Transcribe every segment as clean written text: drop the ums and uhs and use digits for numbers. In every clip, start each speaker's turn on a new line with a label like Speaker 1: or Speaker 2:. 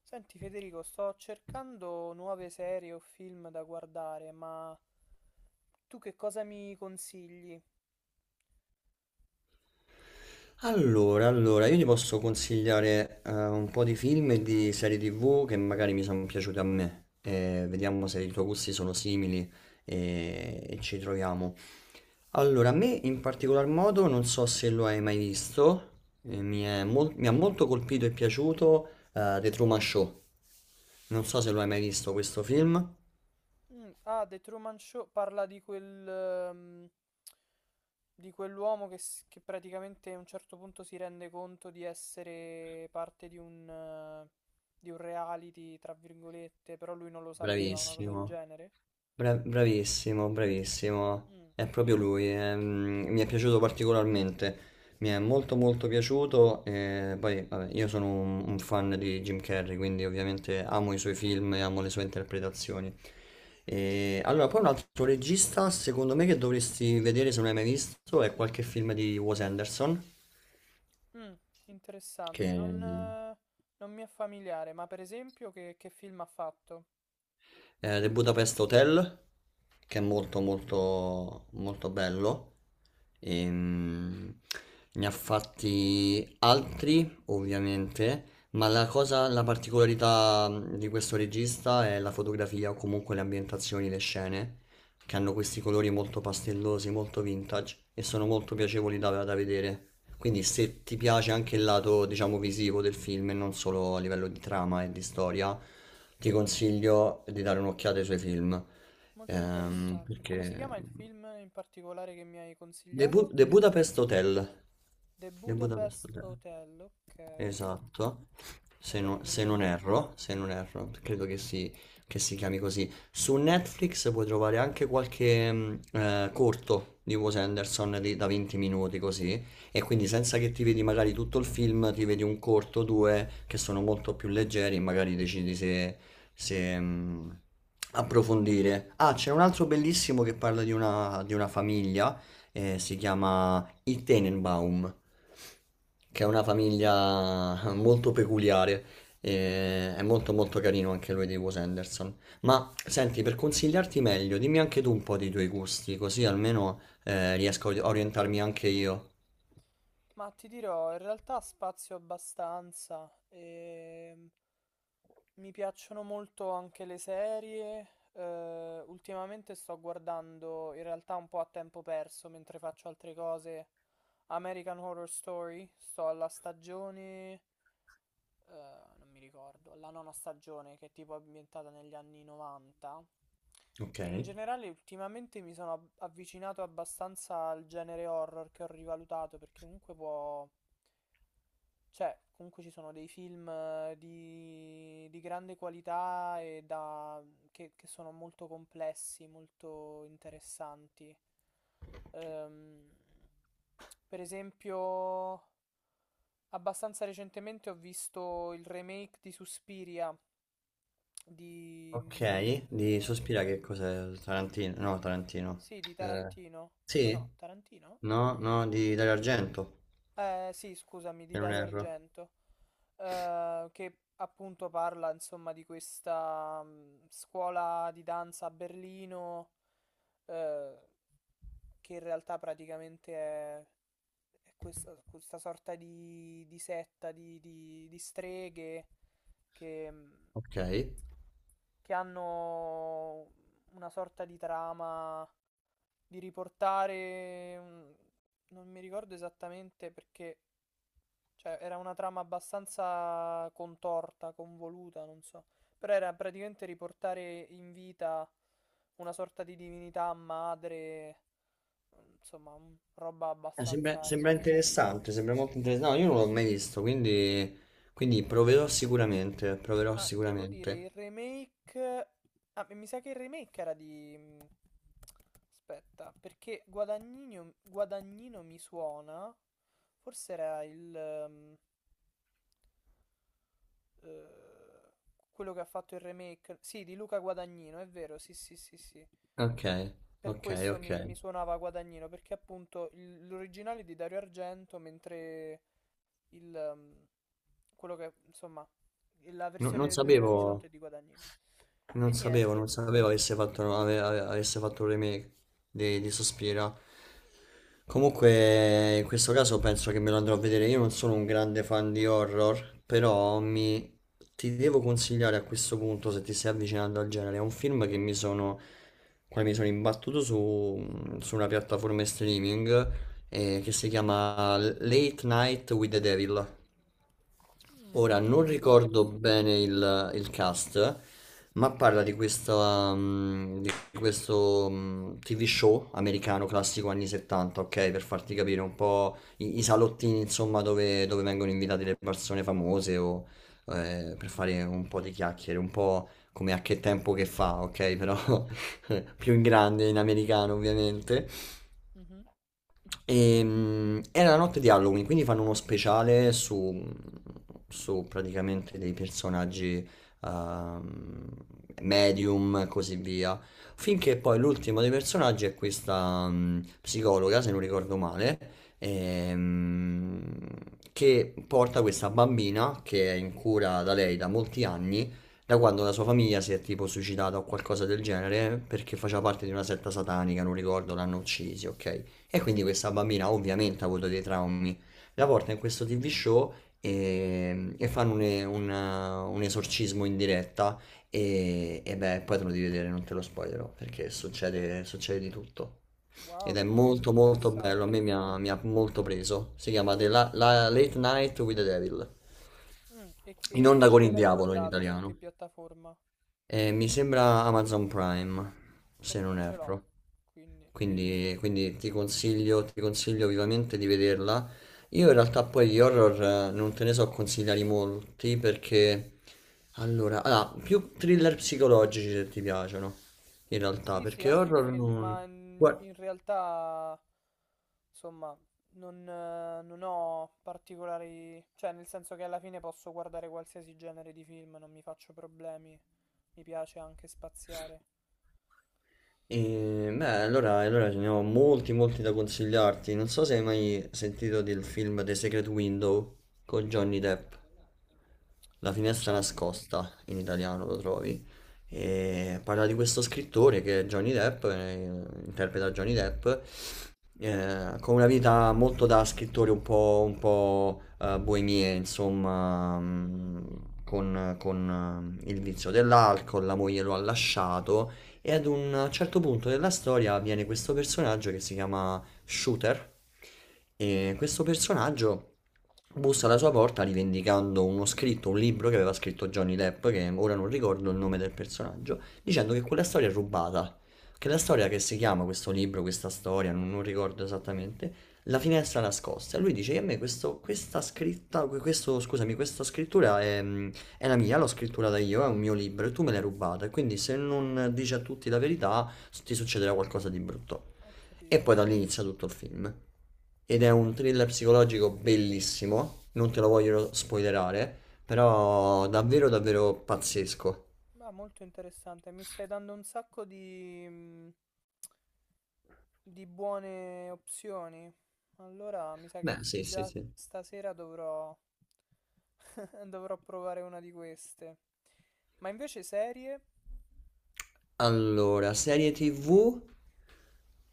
Speaker 1: Senti Federico, sto cercando nuove serie o film da guardare, ma tu che cosa mi consigli?
Speaker 2: Allora, io ti posso consigliare un po' di film e di serie TV che magari mi sono piaciute a me. Vediamo se i tuoi gusti sono simili e ci troviamo. Allora, a me in particolar modo, non so se lo hai mai visto, mi ha molto colpito e piaciuto The Truman Show. Non so se lo hai mai visto questo film.
Speaker 1: Mm, ah, The Truman Show parla di quel, di quell'uomo che, che praticamente a un certo punto si rende conto di essere parte di un reality, tra virgolette, però lui non lo sapeva, una cosa del
Speaker 2: Bravissimo.
Speaker 1: genere.
Speaker 2: Bravissimo, bravissimo,
Speaker 1: Mm,
Speaker 2: è proprio lui. Mi è piaciuto particolarmente, mi è molto molto piaciuto, e poi vabbè, io sono un fan di Jim Carrey, quindi ovviamente amo i suoi film e amo le sue interpretazioni. E allora, poi un altro regista, secondo me, che dovresti vedere se non hai mai visto, è qualche film di Wes Anderson.
Speaker 1: mm,
Speaker 2: Sì.
Speaker 1: interessante,
Speaker 2: Che
Speaker 1: non mi è familiare, ma per esempio che film ha fatto?
Speaker 2: The Budapest Hotel, che è
Speaker 1: Mm.
Speaker 2: molto molto molto bello. Ehm, ne ha fatti altri, ovviamente, ma la cosa, la particolarità di questo regista è la fotografia o comunque le ambientazioni, le scene che hanno questi colori molto pastellosi, molto vintage e sono molto piacevoli da vedere. Quindi se ti piace anche il lato, diciamo, visivo del film e non solo a livello di trama e di storia, ti consiglio di dare un'occhiata ai suoi film.
Speaker 1: Molto
Speaker 2: Ehm,
Speaker 1: interessante. Come si
Speaker 2: perché...
Speaker 1: chiama il film in particolare che mi hai consigliato?
Speaker 2: The Budapest Hotel.
Speaker 1: The
Speaker 2: The Budapest
Speaker 1: Budapest
Speaker 2: Hotel.
Speaker 1: Hotel, ok.
Speaker 2: Esatto, se
Speaker 1: Magari
Speaker 2: non,
Speaker 1: me lo
Speaker 2: se non
Speaker 1: segno.
Speaker 2: erro, se non erro, credo che si chiami così. Su Netflix puoi trovare anche qualche corto di Wes Anderson da 20 minuti così, e quindi senza che ti vedi magari tutto il film, ti vedi un corto, due, che sono molto più leggeri e magari decidi se, se, approfondire. Ah, c'è un altro bellissimo che parla di una famiglia, si chiama i Tenenbaum, che è
Speaker 1: I-
Speaker 2: una famiglia molto peculiare. E è molto molto carino anche lui di Wes Anderson. Ma senti, per consigliarti meglio, dimmi anche tu un po' dei tuoi gusti, così almeno riesco a orientarmi anche io.
Speaker 1: Ma ti dirò, in realtà spazio abbastanza. Mi piacciono molto anche le serie. Eh, ultimamente sto guardando, in realtà un po' a tempo perso, mentre faccio altre cose, American Horror Story. Sto alla stagione eh, non mi ricordo, la nona stagione che è tipo ambientata negli anni 90.
Speaker 2: Ok.
Speaker 1: E in generale ultimamente mi sono avvicinato abbastanza al genere horror che ho rivalutato perché comunque può... Cioè, comunque ci sono dei film di grande qualità e da, che sono molto complessi, molto interessanti. Ehm, per esempio, abbastanza recentemente ho visto il remake di Suspiria di,
Speaker 2: Ok, di Sospira che cos'è? Tarantino? No, Tarantino.
Speaker 1: sì, di
Speaker 2: Eh,
Speaker 1: Tarantino.
Speaker 2: sì?
Speaker 1: No, Tarantino?
Speaker 2: No, no, di Dario Argento,
Speaker 1: Sì, scusami,
Speaker 2: se
Speaker 1: di
Speaker 2: non
Speaker 1: Dario
Speaker 2: erro.
Speaker 1: Argento, che appunto parla, insomma, di questa scuola di danza a Berlino, eh, che in realtà praticamente è questa, questa sorta di setta di, di streghe che... mh,
Speaker 2: Ok.
Speaker 1: che hanno una sorta di trama di riportare, non mi ricordo esattamente perché, cioè era una trama abbastanza contorta, convoluta, non so, però era praticamente riportare in vita una sorta di divinità madre, insomma, roba
Speaker 2: Sembra,
Speaker 1: abbastanza
Speaker 2: sembra
Speaker 1: esoterica,
Speaker 2: interessante, sembra
Speaker 1: particolare.
Speaker 2: molto interessante. No, io non l'ho mai visto, quindi, proverò sicuramente, proverò
Speaker 1: Ma devo dire,
Speaker 2: sicuramente.
Speaker 1: il remake... Ah, mi sa che il remake era di... aspetta, perché Guadagnino, Guadagnino mi suona. Forse era il... eh, quello che ha fatto il remake. Sì, di Luca Guadagnino, è vero, sì, sì, sì, sì.
Speaker 2: Ok,
Speaker 1: Per
Speaker 2: ok,
Speaker 1: questo
Speaker 2: ok.
Speaker 1: mi suonava Guadagnino, perché appunto l'originale è di Dario Argento, mentre il... quello che, insomma, la
Speaker 2: No-
Speaker 1: versione
Speaker 2: non
Speaker 1: del 2018
Speaker 2: sapevo,
Speaker 1: è di Guadagnino. E
Speaker 2: non sapevo,
Speaker 1: niente.
Speaker 2: non sapevo avesse fatto un remake di Sospira. Comunque, in questo caso penso che me lo andrò a vedere. Io non sono un grande fan di horror, però ti devo consigliare a questo punto, se ti stai avvicinando al genere, è un film quale mi sono imbattuto su una piattaforma streaming che si chiama Late Night with the Devil. Ora non ricordo
Speaker 1: Interessante.
Speaker 2: bene il cast, ma parla di questo TV show americano classico anni 70, ok? Per farti capire un po' i salottini, insomma, dove vengono invitate le persone famose o per
Speaker 1: Mh-mh,
Speaker 2: fare un po' di chiacchiere, un po' come a che tempo che fa, ok? Però più in grande in americano, ovviamente.
Speaker 1: mh-mh.
Speaker 2: Era la notte di Halloween, quindi fanno uno speciale su praticamente dei personaggi ehm, medium e così via. Finché poi l'ultimo dei personaggi è questa psicologa, se non ricordo male, ehm, che porta questa bambina che è in cura da lei da molti anni, da quando la sua famiglia si è tipo suicidata o qualcosa del genere, perché faceva parte di una setta satanica, non ricordo, l'hanno uccisi, ok? E quindi questa bambina ovviamente ha avuto dei traumi. La porta in questo TV show e fanno un esorcismo in diretta e beh, poi te lo devi vedere, non te lo spoilerò, perché succede, succede di tutto. Ed
Speaker 1: Wow,
Speaker 2: è
Speaker 1: che figo,
Speaker 2: molto molto bello, a me
Speaker 1: interessante.
Speaker 2: mi ha molto preso. Si chiama Late Night with the Devil.
Speaker 1: E c
Speaker 2: In
Speaker 1: e
Speaker 2: onda con
Speaker 1: dove
Speaker 2: il
Speaker 1: l'hai
Speaker 2: diavolo in
Speaker 1: guardato? Su che
Speaker 2: italiano.
Speaker 1: piattaforma?
Speaker 2: Mi sembra Amazon Prime, se
Speaker 1: Okay,
Speaker 2: non
Speaker 1: ce l'ho.
Speaker 2: erro.
Speaker 1: Quindi
Speaker 2: Quindi, ti consiglio vivamente di vederla. Io in realtà poi gli horror non te ne so consigliare molti perché. Allora, più thriller psicologici se ti piacciono, in realtà,
Speaker 1: sì, sì,
Speaker 2: perché
Speaker 1: anche
Speaker 2: horror
Speaker 1: quelli,
Speaker 2: non.
Speaker 1: ma, mhmm,
Speaker 2: Guarda.
Speaker 1: in realtà, somma, non ho particolari cioè, nel senso che alla fine posso guardare qualsiasi genere di film, non mi faccio problemi. Mi piace anche spaziare.
Speaker 2: E, beh, allora ce ne ho molti, molti da consigliarti. Non so se hai mai sentito del film The Secret Window con Johnny Depp. La finestra nascosta, in italiano lo trovi. E parla di questo scrittore che è Johnny Depp, interpreta Johnny Depp, con una vita molto da scrittore un po', boemia, insomma,
Speaker 1: Mh-mh,
Speaker 2: con, il vizio dell'alcol, la moglie lo ha lasciato e ad un certo punto della storia viene questo personaggio che si chiama Shooter e questo personaggio bussa alla sua porta rivendicando uno scritto, un libro che aveva scritto Johnny Depp, che ora non ricordo il nome del personaggio, dicendo che quella storia è rubata. Che la storia che si chiama questo libro, questa storia, non ricordo esattamente, La finestra nascosta. E lui dice che a me questa scritta, questo, scusami, questa scrittura è, è la mia, l'ho scrittata io, è un mio libro e tu me l'hai rubata. E quindi se non dici a tutti la verità, ti succederà qualcosa di brutto.
Speaker 1: ho
Speaker 2: E
Speaker 1: capito.
Speaker 2: poi da lì inizia tutto il film. Ed è un thriller psicologico bellissimo, non te lo voglio spoilerare, però davvero davvero pazzesco.
Speaker 1: Ma molto interessante, mi stai dando un sacco di, di buone opzioni. Allora mi sa che
Speaker 2: Beh, sì, sì,
Speaker 1: già
Speaker 2: sì.
Speaker 1: stasera dovrò, dovrò provare una di queste. Ma invece serie?
Speaker 2: Allora, serie TV.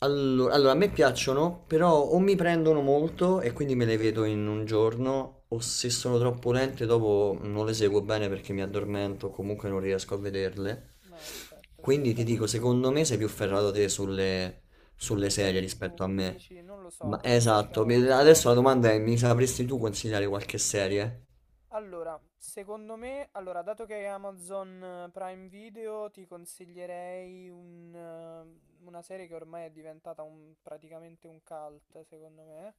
Speaker 2: Allora, a me piacciono, però o mi prendono molto e quindi me le vedo in un giorno, o se sono troppo lente dopo non le seguo bene perché mi addormento, comunque non riesco a vederle.
Speaker 1: Ma certo, ci
Speaker 2: Quindi ti
Speaker 1: sta.
Speaker 2: dico, secondo me sei più ferrato te sulle
Speaker 1: Sulle
Speaker 2: serie
Speaker 1: serie TV
Speaker 2: rispetto a me.
Speaker 1: dici, non lo so,
Speaker 2: Ma
Speaker 1: questo
Speaker 2: esatto,
Speaker 1: no.
Speaker 2: adesso la domanda è, mi sapresti tu consigliare qualche serie?
Speaker 1: Allora, secondo me, allora, dato che è Amazon Prime Video, ti consiglierei una serie che ormai è diventata praticamente un cult, secondo me,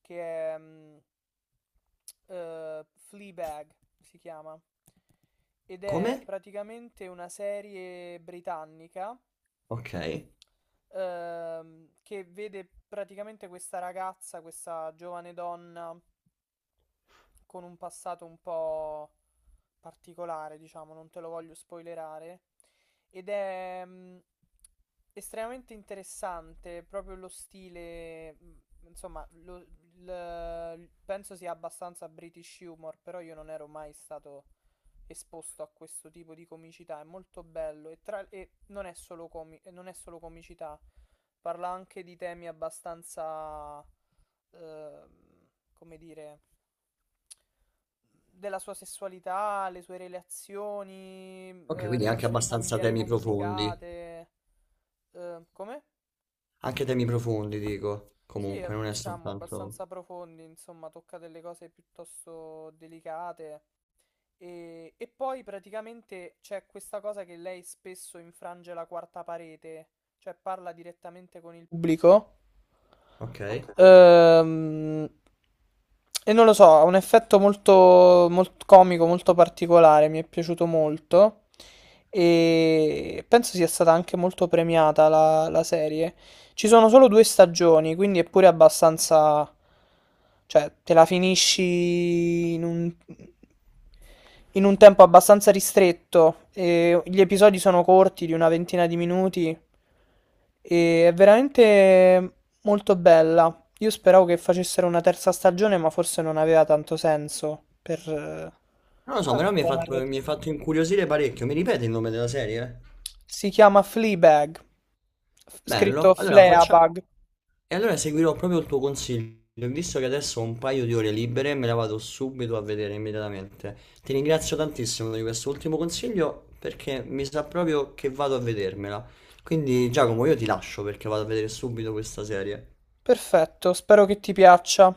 Speaker 1: che è Fleabag, si chiama, ed è
Speaker 2: Come?
Speaker 1: praticamente una serie britannica
Speaker 2: Ok.
Speaker 1: che vede praticamente questa ragazza, questa giovane donna con un passato un po' particolare, diciamo, non te lo voglio spoilerare. Ed è estremamente interessante proprio lo stile, insomma, penso sia abbastanza British humor, però io non ero mai stato esposto a questo tipo di comicità, è molto bello e, e non è solo e non è solo comicità, parla anche di temi abbastanza, ehm, come dire della sua sessualità, le sue relazioni,
Speaker 2: Ok, quindi anche
Speaker 1: relazioni
Speaker 2: abbastanza
Speaker 1: familiari
Speaker 2: temi profondi.
Speaker 1: complicate. Come?
Speaker 2: Anche temi profondi, dico.
Speaker 1: Sì,
Speaker 2: Comunque, non è
Speaker 1: diciamo
Speaker 2: soltanto.
Speaker 1: abbastanza profondi, insomma, tocca delle cose piuttosto delicate. E poi praticamente c'è questa cosa che lei spesso infrange la quarta parete, cioè parla direttamente con il pubblico.
Speaker 2: Ok.
Speaker 1: Ehm, e non lo so, ha un effetto molto, molto comico, molto particolare, mi è piaciuto molto e penso sia stata anche molto premiata la, la serie. Ci sono solo due stagioni, quindi è pure abbastanza... cioè, te la finisci in un tempo abbastanza ristretto. E gli episodi sono corti, di una ventina di minuti, e è veramente molto bella. Io speravo che facessero una terza stagione, ma forse non aveva tanto senso per
Speaker 2: Non lo so,
Speaker 1: ah,
Speaker 2: però mi hai
Speaker 1: la
Speaker 2: fatto, mi
Speaker 1: narrativa.
Speaker 2: hai fatto incuriosire parecchio. Mi ripeti il nome della serie?
Speaker 1: Si chiama Fleabag, scritto
Speaker 2: Bello.
Speaker 1: Fleabag.
Speaker 2: E allora seguirò proprio il tuo consiglio. Visto che adesso ho un paio di ore libere, me la vado subito a vedere immediatamente. Ti ringrazio tantissimo di questo ultimo consiglio perché mi sa proprio che vado a vedermela. Quindi, Giacomo, io ti lascio perché vado a vedere subito questa serie.
Speaker 1: Perfetto, spero che ti piaccia.